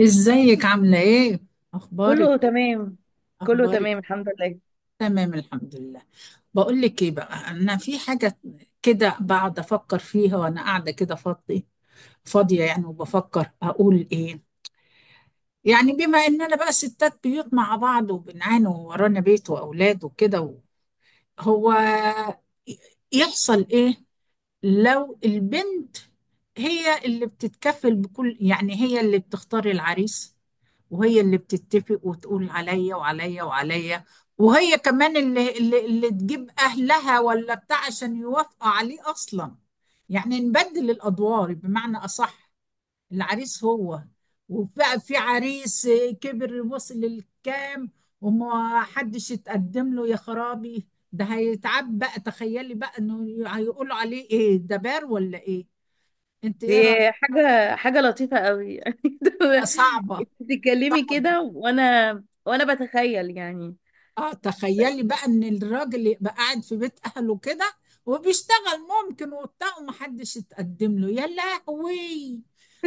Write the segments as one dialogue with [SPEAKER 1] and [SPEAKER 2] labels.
[SPEAKER 1] ازيك عاملة ايه؟
[SPEAKER 2] كله
[SPEAKER 1] اخبارك.
[SPEAKER 2] تمام. كله تمام
[SPEAKER 1] اخبارك
[SPEAKER 2] الحمد لله.
[SPEAKER 1] تمام الحمد لله. بقول لك ايه بقى، انا في حاجة كده بقعد افكر فيها وانا قاعدة كده فاضية. فاضية يعني، وبفكر اقول ايه. يعني بما اننا بقى ستات بيوت مع بعض وبنعاني وورانا بيت واولاد وكده، هو يحصل ايه لو البنت هي اللي بتتكفل بكل، يعني هي اللي بتختار العريس، وهي اللي بتتفق وتقول عليا وعليا وعليا، وهي كمان اللي تجيب أهلها ولا بتاع عشان يوافقوا عليه أصلا. يعني نبدل الأدوار بمعنى أصح. العريس هو، وفي عريس كبر وصل للكام، وما حدش يتقدم له يا خرابي، ده هيتعب بقى. تخيلي بقى انه هيقولوا عليه ايه، ده بار ولا ايه؟ انت ايه
[SPEAKER 2] دي
[SPEAKER 1] رأيك؟
[SPEAKER 2] حاجة لطيفة قوي. يعني انت
[SPEAKER 1] آه، صعبة.
[SPEAKER 2] بتتكلمي كده
[SPEAKER 1] صعبة.
[SPEAKER 2] وانا بتخيل يعني.
[SPEAKER 1] اه تخيلي بقى ان الراجل يبقى قاعد في بيت اهله كده وبيشتغل، ممكن وبتاع، ومحدش يتقدم له، يا لهوي.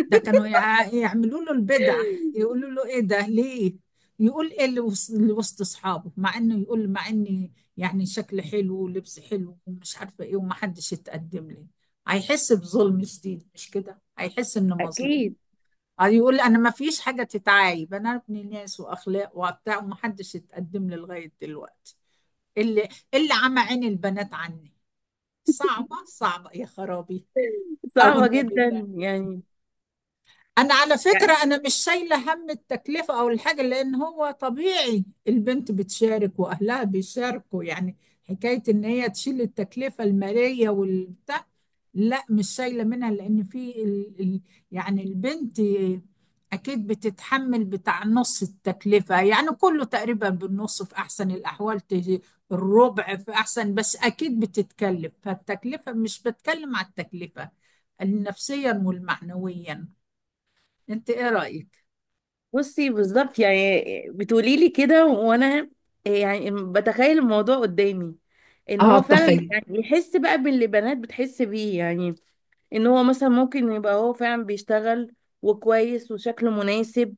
[SPEAKER 1] ده كانوا يعملوا له البدع، يقولوا له ايه ده ليه. يقول ايه اللي وسط اصحابه، مع انه يقول، مع اني يعني شكل حلو ولبس حلو ومش عارفه ايه، ومحدش يتقدم لي. هيحس بظلم شديد، مش كده؟ هيحس انه مظلوم.
[SPEAKER 2] اكيد.
[SPEAKER 1] اه، يقول لي انا ما فيش حاجه تتعايب، انا ابن ناس واخلاق وبتاع، ومحدش اتقدم لي لغايه دلوقتي. اللي عمى عين البنات عني. صعبه صعبه يا خرابي. او
[SPEAKER 2] صعبة
[SPEAKER 1] النبي
[SPEAKER 2] جدا
[SPEAKER 1] ده.
[SPEAKER 2] يعني
[SPEAKER 1] انا على
[SPEAKER 2] يعني
[SPEAKER 1] فكرة انا مش شايلة هم التكلفة او الحاجة، لان هو طبيعي البنت بتشارك واهلها بيشاركوا يعني. حكاية ان هي تشيل التكلفة المالية والبتاع، لا مش شايلة منها، لان في يعني البنت اكيد بتتحمل بتاع نص التكلفة، يعني كله تقريبا بالنص في احسن الاحوال، الربع في احسن. بس اكيد بتتكلف، فالتكلفة، مش بتكلم على التكلفة، النفسيا والمعنويا. انت ايه رأيك؟
[SPEAKER 2] بصي، بالظبط يعني، بتقولي لي كده وانا يعني بتخيل الموضوع قدامي. ان
[SPEAKER 1] اه
[SPEAKER 2] هو فعلا
[SPEAKER 1] تخيل.
[SPEAKER 2] يعني يحس بقى باللي بنات بتحس بيه يعني. ان هو مثلا ممكن يبقى هو فعلا بيشتغل، وكويس، وشكله مناسب،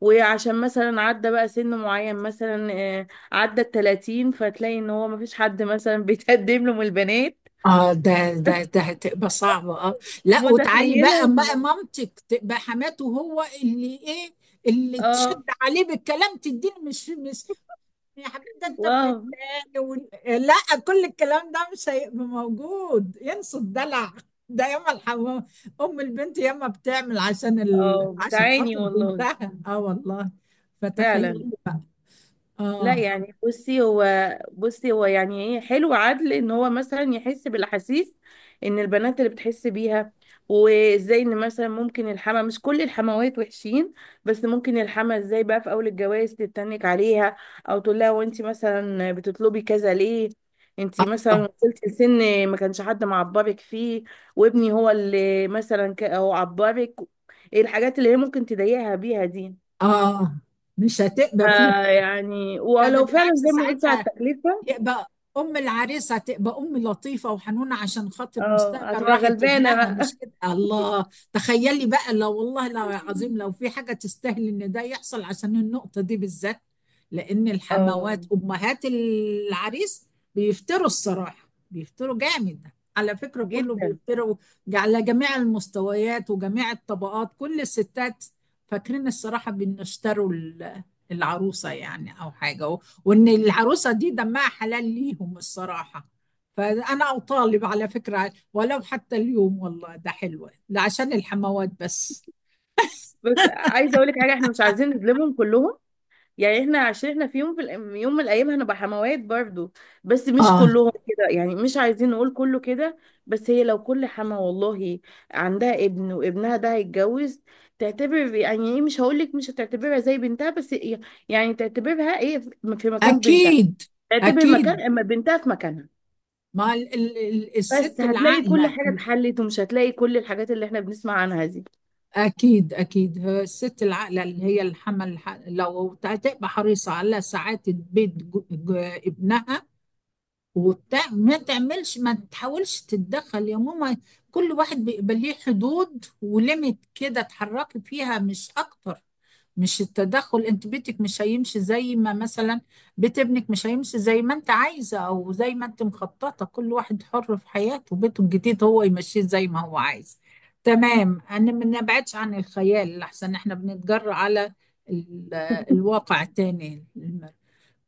[SPEAKER 2] وعشان مثلا عدى بقى سن معين مثلا عدى التلاتين، فتلاقي ان هو مفيش حد مثلا بيتقدم له من البنات.
[SPEAKER 1] اه ده هتبقى صعبة، اه. لا وتعالي
[SPEAKER 2] متخيلة
[SPEAKER 1] بقى
[SPEAKER 2] ان.
[SPEAKER 1] مامتك تبقى حماته هو، اللي ايه، اللي تشد
[SPEAKER 2] اه.
[SPEAKER 1] عليه بالكلام تديه. مش يا حبيبي، ده انت ابن
[SPEAKER 2] واو.
[SPEAKER 1] التاني، لا، كل الكلام ده مش هيبقى موجود، ينسوا الدلع. ده ياما الحمام، ام البنت ياما بتعمل عشان
[SPEAKER 2] اه،
[SPEAKER 1] عشان
[SPEAKER 2] بتعاني
[SPEAKER 1] خاطر
[SPEAKER 2] والله.
[SPEAKER 1] بنتها، اه والله.
[SPEAKER 2] فعلا.
[SPEAKER 1] فتخيلي بقى.
[SPEAKER 2] لا
[SPEAKER 1] اه.
[SPEAKER 2] يعني، بصي هو، يعني ايه حلو عدل ان هو مثلا يحس بالاحاسيس ان البنات اللي بتحس بيها. وازاي ان مثلا ممكن الحما، مش كل الحموات وحشين، بس ممكن الحما ازاي بقى في اول الجواز تتنك عليها. او تقول لها وانت مثلا بتطلبي كذا ليه؟ انت مثلا وصلتي لسن ما كانش حد معبرك فيه، وابني هو اللي مثلا هو عبرك. ايه الحاجات اللي هي ممكن تضايقها بيها دي؟
[SPEAKER 1] اه مش هتبقى فيه.
[SPEAKER 2] آه، يعني
[SPEAKER 1] ده
[SPEAKER 2] ولو فعلا
[SPEAKER 1] بالعكس،
[SPEAKER 2] زي ما قلت على
[SPEAKER 1] ساعتها
[SPEAKER 2] التكلفة.
[SPEAKER 1] يبقى ام العريس هتبقى ام لطيفه وحنونه عشان خاطر
[SPEAKER 2] اه،
[SPEAKER 1] مستقبل
[SPEAKER 2] هتبقى
[SPEAKER 1] راحه
[SPEAKER 2] غلبانة
[SPEAKER 1] ابنها،
[SPEAKER 2] بقى.
[SPEAKER 1] مش كده؟ الله. تخيلي بقى لو، والله لو عظيم، لو في حاجه تستاهل ان ده يحصل، عشان النقطه دي بالذات. لان
[SPEAKER 2] اه.
[SPEAKER 1] الحموات، امهات العريس، بيفتروا الصراحه، بيفتروا جامد. على فكره كله
[SPEAKER 2] جدا.
[SPEAKER 1] بيفتروا، على جميع المستويات وجميع الطبقات، كل الستات. فاكرين الصراحه بيشتروا العروسه يعني، او حاجه. وان العروسه دي دمها حلال ليهم الصراحه. فانا اطالب على فكره، ولو حتى اليوم، والله ده حلوه ده، عشان الحموات بس.
[SPEAKER 2] بس عايزة اقول لك حاجة، احنا مش عايزين نظلمهم كلهم. يعني احنا عشان احنا في يوم في الأيام- يوم من الايام هنبقى حموات برضو. بس مش
[SPEAKER 1] اه،
[SPEAKER 2] كلهم كده، يعني مش عايزين نقول كله كده. بس هي لو كل حما والله عندها ابن وابنها ده هيتجوز، تعتبر يعني ايه، مش هقول لك مش هتعتبرها زي بنتها، بس يعني تعتبرها ايه، في مكان بنتها.
[SPEAKER 1] اكيد
[SPEAKER 2] تعتبر
[SPEAKER 1] اكيد.
[SPEAKER 2] مكان اما بنتها في مكانها.
[SPEAKER 1] ما
[SPEAKER 2] بس
[SPEAKER 1] الست
[SPEAKER 2] هتلاقي كل
[SPEAKER 1] العاقله،
[SPEAKER 2] حاجة اتحلت، ومش هتلاقي كل الحاجات اللي احنا بنسمع عنها دي.
[SPEAKER 1] اكيد اكيد هي الست العاقله، اللي هي الحمل، لو هتبقى حريصه على سعاده بيت ابنها وبتاع، ما تعملش، ما تحاولش تتدخل يا ماما. كل واحد بيبقى ليه حدود وليميت كده اتحركي فيها، مش اكتر. مش التدخل، انت بيتك مش هيمشي زي ما مثلا، بيت ابنك مش هيمشي زي ما انت عايزه او زي ما انت مخططه، كل واحد حر في حياته، بيته الجديد هو يمشيه زي ما هو عايز. تمام. انا ما نبعدش عن الخيال، لحسن احنا بنتجرأ على ال- الواقع التاني.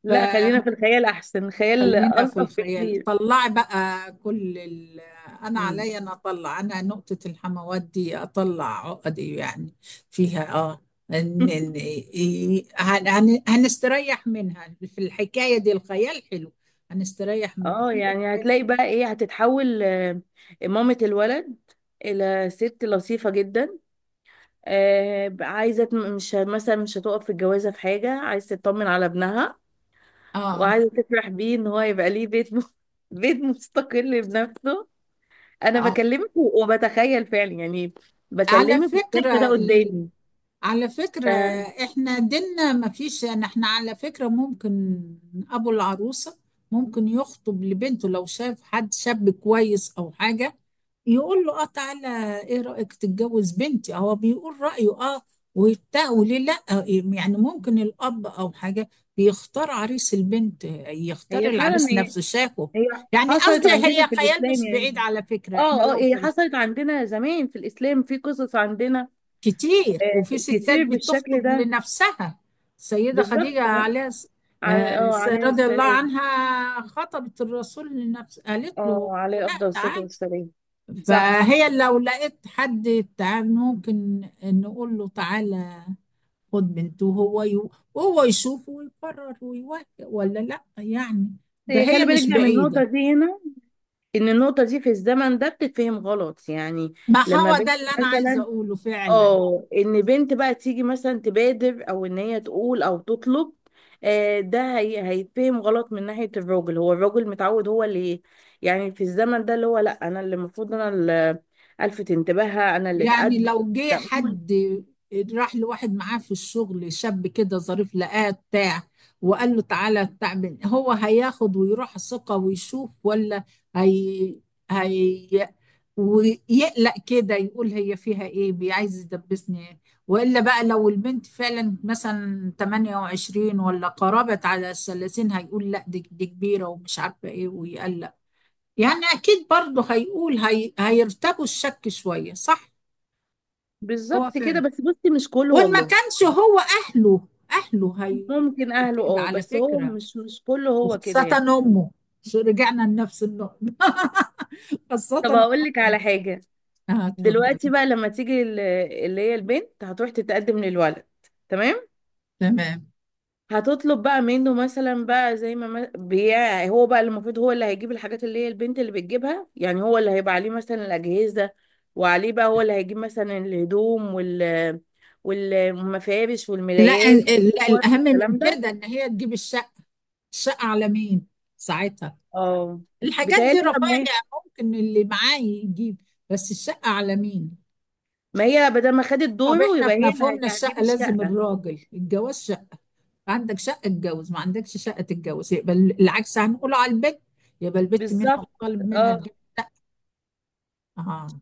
[SPEAKER 2] لا، خلينا في الخيال احسن، خيال
[SPEAKER 1] خلينا في
[SPEAKER 2] الطف
[SPEAKER 1] الخيال،
[SPEAKER 2] بكتير.
[SPEAKER 1] طلعي بقى كل انا
[SPEAKER 2] مم.
[SPEAKER 1] عليا، انا اطلع، انا نقطة الحموات دي اطلع عقدي يعني فيها، اه. ان هنستريح منها، في الحكاية دي الخيال حلو. هنستريح من
[SPEAKER 2] اه،
[SPEAKER 1] في.
[SPEAKER 2] يعني هتلاقي بقى ايه، هتتحول مامة الولد الى ست لطيفة جدا. عايزة مش مثلا مش هتقف في الجوازة في حاجة، عايزة تطمن على ابنها،
[SPEAKER 1] اه.
[SPEAKER 2] وعايزة تفرح بيه ان هو يبقى ليه بيت بيت مستقل بنفسه. انا
[SPEAKER 1] اه
[SPEAKER 2] بكلمك وبتخيل فعلا يعني.
[SPEAKER 1] على
[SPEAKER 2] بكلمك وشايفة ده
[SPEAKER 1] فكرة،
[SPEAKER 2] قدامي.
[SPEAKER 1] على فكرة
[SPEAKER 2] ف-
[SPEAKER 1] احنا ديننا ما فيش يعني، احنا على فكرة ممكن ابو العروسة ممكن يخطب لبنته لو شاف حد شاب كويس او حاجة. يقول له اه تعالى، ايه رأيك تتجوز بنتي، هو بيقول رأيه، اه، وبتاع، وليه لا. يعني ممكن الاب او حاجة بيختار عريس البنت، يختار
[SPEAKER 2] هي فعلا،
[SPEAKER 1] العريس،
[SPEAKER 2] هي.
[SPEAKER 1] نفسه شافه.
[SPEAKER 2] هي
[SPEAKER 1] يعني
[SPEAKER 2] حصلت
[SPEAKER 1] قصدي
[SPEAKER 2] عندنا
[SPEAKER 1] هي
[SPEAKER 2] في
[SPEAKER 1] خيال
[SPEAKER 2] الاسلام
[SPEAKER 1] مش بعيد،
[SPEAKER 2] يعني.
[SPEAKER 1] على فكرة احنا
[SPEAKER 2] اه، اه،
[SPEAKER 1] لو،
[SPEAKER 2] هي حصلت عندنا زمان في الاسلام، في قصص عندنا
[SPEAKER 1] كتير، وفي ستات
[SPEAKER 2] كتير بالشكل
[SPEAKER 1] بتخطب
[SPEAKER 2] ده.
[SPEAKER 1] لنفسها. السيدة خديجة
[SPEAKER 2] بالظبط.
[SPEAKER 1] عليها آه،
[SPEAKER 2] على اه عليه
[SPEAKER 1] رضي الله
[SPEAKER 2] السلام.
[SPEAKER 1] عنها، خطبت الرسول لنفسه، قالت
[SPEAKER 2] اه،
[SPEAKER 1] له
[SPEAKER 2] عليه
[SPEAKER 1] لا
[SPEAKER 2] افضل الصلاه
[SPEAKER 1] تعال.
[SPEAKER 2] والسلام. صح.
[SPEAKER 1] فهي لو لقيت حد تعال ممكن نقول له تعالى، خد بنته، وهو يشوف ويقرر ويوافق ولا لا، يعني.
[SPEAKER 2] إيه،
[SPEAKER 1] فهي
[SPEAKER 2] خلي بالك
[SPEAKER 1] مش
[SPEAKER 2] بقى من النقطة
[SPEAKER 1] بعيدة.
[SPEAKER 2] دي هنا. إن النقطة دي في الزمن ده بتتفهم غلط يعني
[SPEAKER 1] ما
[SPEAKER 2] لما
[SPEAKER 1] هو
[SPEAKER 2] بنت
[SPEAKER 1] ده اللي أنا عايزة
[SPEAKER 2] مثلا
[SPEAKER 1] أقوله فعلا.
[SPEAKER 2] اه، ان بنت بقى تيجي مثلا تبادر او ان هي تقول او تطلب ده هي هيتفهم غلط من ناحية الراجل. هو الراجل متعود هو اللي، يعني في الزمن ده اللي هو، لا انا اللي المفروض، انا اللي الفت انتباهها، انا اللي
[SPEAKER 1] يعني
[SPEAKER 2] اتقدم.
[SPEAKER 1] لو جه
[SPEAKER 2] لا هو.
[SPEAKER 1] حد راح لواحد معاه في الشغل شاب كده ظريف، لقاه بتاع وقال له تعالى تعمل، هو هياخد ويروح ثقة ويشوف، ولا هي هي ويقلق كده يقول هي فيها ايه، عايز يدبسني ايه. والا بقى لو البنت فعلا مثلا 28 ولا قربت على الـ30، هيقول لا دي كبيرة ومش عارفة ايه، ويقلق. يعني اكيد برضه هيقول هي، هيرتبوا الشك شوية، صح. هو
[SPEAKER 2] بالظبط كده،
[SPEAKER 1] فعلا.
[SPEAKER 2] بس بصي مش كله
[SPEAKER 1] وان ما
[SPEAKER 2] والله.
[SPEAKER 1] كانش هو، اهله
[SPEAKER 2] ممكن
[SPEAKER 1] هيقولوا
[SPEAKER 2] اهله،
[SPEAKER 1] كده
[SPEAKER 2] اه،
[SPEAKER 1] على
[SPEAKER 2] بس هو
[SPEAKER 1] فكره.
[SPEAKER 2] مش كله هو كده
[SPEAKER 1] وخاصه
[SPEAKER 2] يعني.
[SPEAKER 1] امه. شو رجعنا لنفس النقطه. خاصه
[SPEAKER 2] طب
[SPEAKER 1] أمه.
[SPEAKER 2] هقول لك على حاجة.
[SPEAKER 1] اه اتفضل.
[SPEAKER 2] دلوقتي بقى لما تيجي اللي هي البنت هتروح تتقدم للولد. تمام.
[SPEAKER 1] تمام.
[SPEAKER 2] هتطلب بقى منه مثلا بقى، زي ما بيع، هو بقى اللي المفروض، هو اللي هيجيب الحاجات اللي هي البنت اللي بتجيبها، يعني هو اللي هيبقى عليه مثلا الأجهزة، وعليه بقى هو اللي هيجيب مثلا الهدوم والمفارش
[SPEAKER 1] لا
[SPEAKER 2] والملايات
[SPEAKER 1] لا
[SPEAKER 2] والكور
[SPEAKER 1] الاهم من
[SPEAKER 2] والكلام ده.
[SPEAKER 1] كده ان هي تجيب الشقه. الشقه على مين ساعتها؟
[SPEAKER 2] اه،
[SPEAKER 1] الحاجات دي
[SPEAKER 2] بيتهيألي بقى ما
[SPEAKER 1] رفاهيه،
[SPEAKER 2] هي
[SPEAKER 1] ممكن اللي معاه يجيب، بس الشقه على مين؟
[SPEAKER 2] ما هي بدل ما خدت
[SPEAKER 1] طب
[SPEAKER 2] دوره
[SPEAKER 1] احنا
[SPEAKER 2] يبقى
[SPEAKER 1] في
[SPEAKER 2] هي اللي
[SPEAKER 1] مفهومنا
[SPEAKER 2] هتجيب
[SPEAKER 1] الشقه لازم
[SPEAKER 2] الشقة.
[SPEAKER 1] الراجل الجواز، عندك شقة اتجوز، ما عندكش شقة تتجوز، يبقى العكس هنقوله على البت، يبقى البت منها
[SPEAKER 2] بالظبط.
[SPEAKER 1] مطالب منها
[SPEAKER 2] اه.
[SPEAKER 1] تجيب، اه.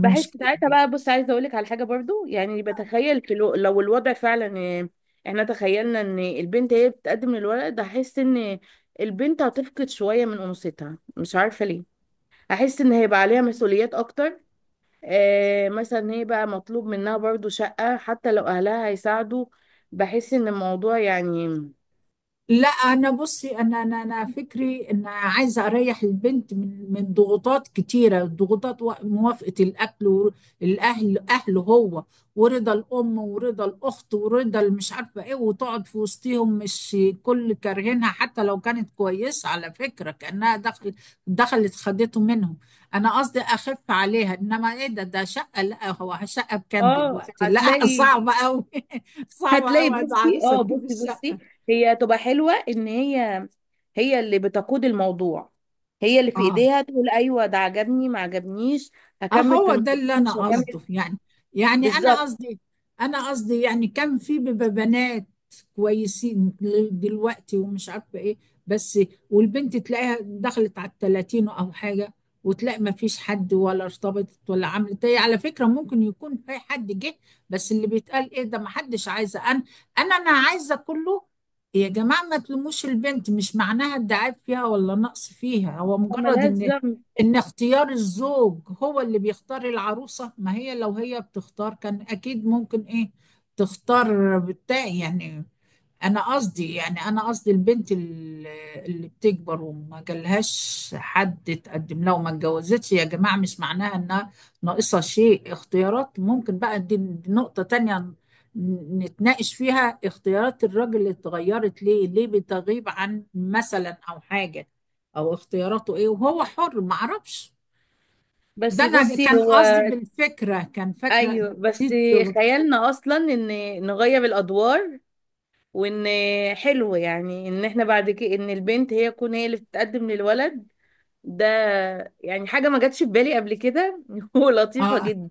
[SPEAKER 2] بحس ساعتها بقى، بص عايزه اقول لك على حاجه برضو، يعني بتخيل في لو الوضع فعلا احنا تخيلنا ان البنت هي بتقدم الورق ده، هحس ان البنت هتفقد شويه من انوثتها، مش عارفه ليه. هحس ان هيبقى عليها مسؤوليات اكتر. آه، مثلا هي بقى مطلوب منها برضو شقه، حتى لو اهلها هيساعدوا. بحس ان الموضوع يعني.
[SPEAKER 1] لا انا بصي، انا انا فكري ان عايزه اريح البنت من ضغوطات كتيره، ضغوطات موافقه الاكل والاهل اهله هو، ورضا الام ورضا الاخت ورضا مش عارفه ايه، وتقعد في وسطهم مش كل كارهينها، حتى لو كانت كويسه على فكره، كانها دخل، دخلت خدته منهم. انا قصدي اخف عليها، انما ايه، ده شقه، لا هو شقه بكام
[SPEAKER 2] اه.
[SPEAKER 1] دلوقتي، لا
[SPEAKER 2] هتلاقي
[SPEAKER 1] صعبه قوي صعبه
[SPEAKER 2] هتلاقي
[SPEAKER 1] قوي
[SPEAKER 2] بصي،
[SPEAKER 1] عروسه
[SPEAKER 2] اه،
[SPEAKER 1] تجيب
[SPEAKER 2] بصي بصي،
[SPEAKER 1] الشقه.
[SPEAKER 2] هي تبقى حلوة ان هي، هي اللي بتقود الموضوع. هي اللي في
[SPEAKER 1] اه.
[SPEAKER 2] ايديها تقول ايوه ده عجبني ما عجبنيش، هكمل في
[SPEAKER 1] اهو ده
[SPEAKER 2] الموضوع
[SPEAKER 1] اللي انا
[SPEAKER 2] مش هكمل.
[SPEAKER 1] قصده يعني. يعني انا
[SPEAKER 2] بالظبط.
[SPEAKER 1] قصدي، انا قصدي يعني كان في بيبقى بنات كويسين، دلوقتي ومش عارفه ايه، بس، والبنت تلاقيها دخلت على الـ30 او حاجه، وتلاقي ما فيش حد، ولا ارتبطت ولا عملت ايه، على فكره ممكن يكون في حد جه، بس اللي بيتقال ايه ده، ما حدش عايزه، انا انا عايزه كله. يا جماعه ما تلوموش البنت، مش معناها الدعاية فيها ولا نقص فيها، هو مجرد
[SPEAKER 2] ملهاش
[SPEAKER 1] ان،
[SPEAKER 2] ذنب.
[SPEAKER 1] ان اختيار الزوج هو اللي بيختار العروسة، ما هي لو هي بتختار كان اكيد ممكن ايه، تختار بتاع يعني. انا قصدي يعني، انا قصدي البنت اللي بتكبر وما جالهاش حد تقدم لها وما اتجوزتش، يا جماعة مش معناها انها ناقصة شيء. اختيارات ممكن بقى، دي نقطة تانية نتناقش فيها، اختيارات الراجل اللي اتغيرت، ليه ليه بتغيب عن مثلا، او حاجة، او اختياراته ايه، وهو حر ما اعرفش. ده
[SPEAKER 2] بس
[SPEAKER 1] انا
[SPEAKER 2] بصي
[SPEAKER 1] كان
[SPEAKER 2] هو.
[SPEAKER 1] قصدي بالفكرة كان، فاكرة،
[SPEAKER 2] ايوه بس.
[SPEAKER 1] نسيت.
[SPEAKER 2] خيالنا اصلا ان نغير الادوار، وان حلو يعني ان احنا بعد كده ان البنت هي تكون هي اللي بتتقدم للولد ده. يعني حاجة ما جاتش في بالي قبل كده. ولطيفة
[SPEAKER 1] اه.
[SPEAKER 2] جدا.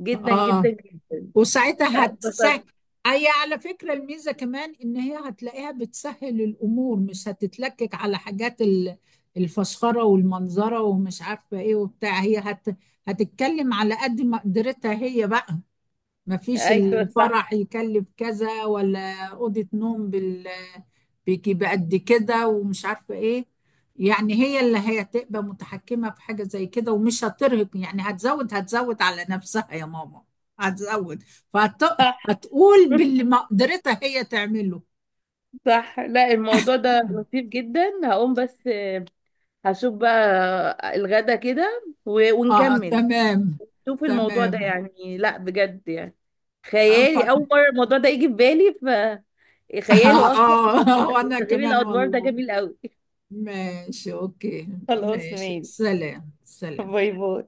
[SPEAKER 2] جدا جدا
[SPEAKER 1] اه
[SPEAKER 2] جدا.
[SPEAKER 1] وساعتها
[SPEAKER 2] لا،
[SPEAKER 1] هتسهل.
[SPEAKER 2] اتبسطت.
[SPEAKER 1] هي على فكرة الميزة كمان إن هي هتلاقيها بتسهل الأمور، مش هتتلكك على حاجات الفسخرة والمنظرة ومش عارفة إيه وبتاع، هتتكلم على قد ما قدرتها هي بقى. مفيش
[SPEAKER 2] ايوه، صح.
[SPEAKER 1] الفرح يكلف كذا ولا أوضة نوم بال، بيجي بقد كده ومش عارفة ايه. يعني هي اللي هي تبقى متحكمة في حاجة زي كده ومش هترهق، يعني هتزود، هتزود على نفسها يا ماما، هتزود،
[SPEAKER 2] صح.
[SPEAKER 1] فهتقول باللي ما قدرتها هي تعمله.
[SPEAKER 2] صح، لا الموضوع ده لطيف جدا. هقوم بس، هشوف بقى الغدا كده
[SPEAKER 1] اه
[SPEAKER 2] ونكمل.
[SPEAKER 1] تمام.
[SPEAKER 2] شوف الموضوع ده
[SPEAKER 1] تمام.
[SPEAKER 2] يعني، لا بجد يعني
[SPEAKER 1] آه،
[SPEAKER 2] خيالي، اول مره الموضوع ده يجي في بالي،
[SPEAKER 1] اه.
[SPEAKER 2] فخياله اصلا.
[SPEAKER 1] آه، وانا
[SPEAKER 2] تغيير
[SPEAKER 1] كمان
[SPEAKER 2] الادوار ده
[SPEAKER 1] والله.
[SPEAKER 2] جميل قوي.
[SPEAKER 1] ماشي اوكي
[SPEAKER 2] خلاص
[SPEAKER 1] ماشي،
[SPEAKER 2] ماشي.
[SPEAKER 1] سلام سلام.
[SPEAKER 2] باي باي.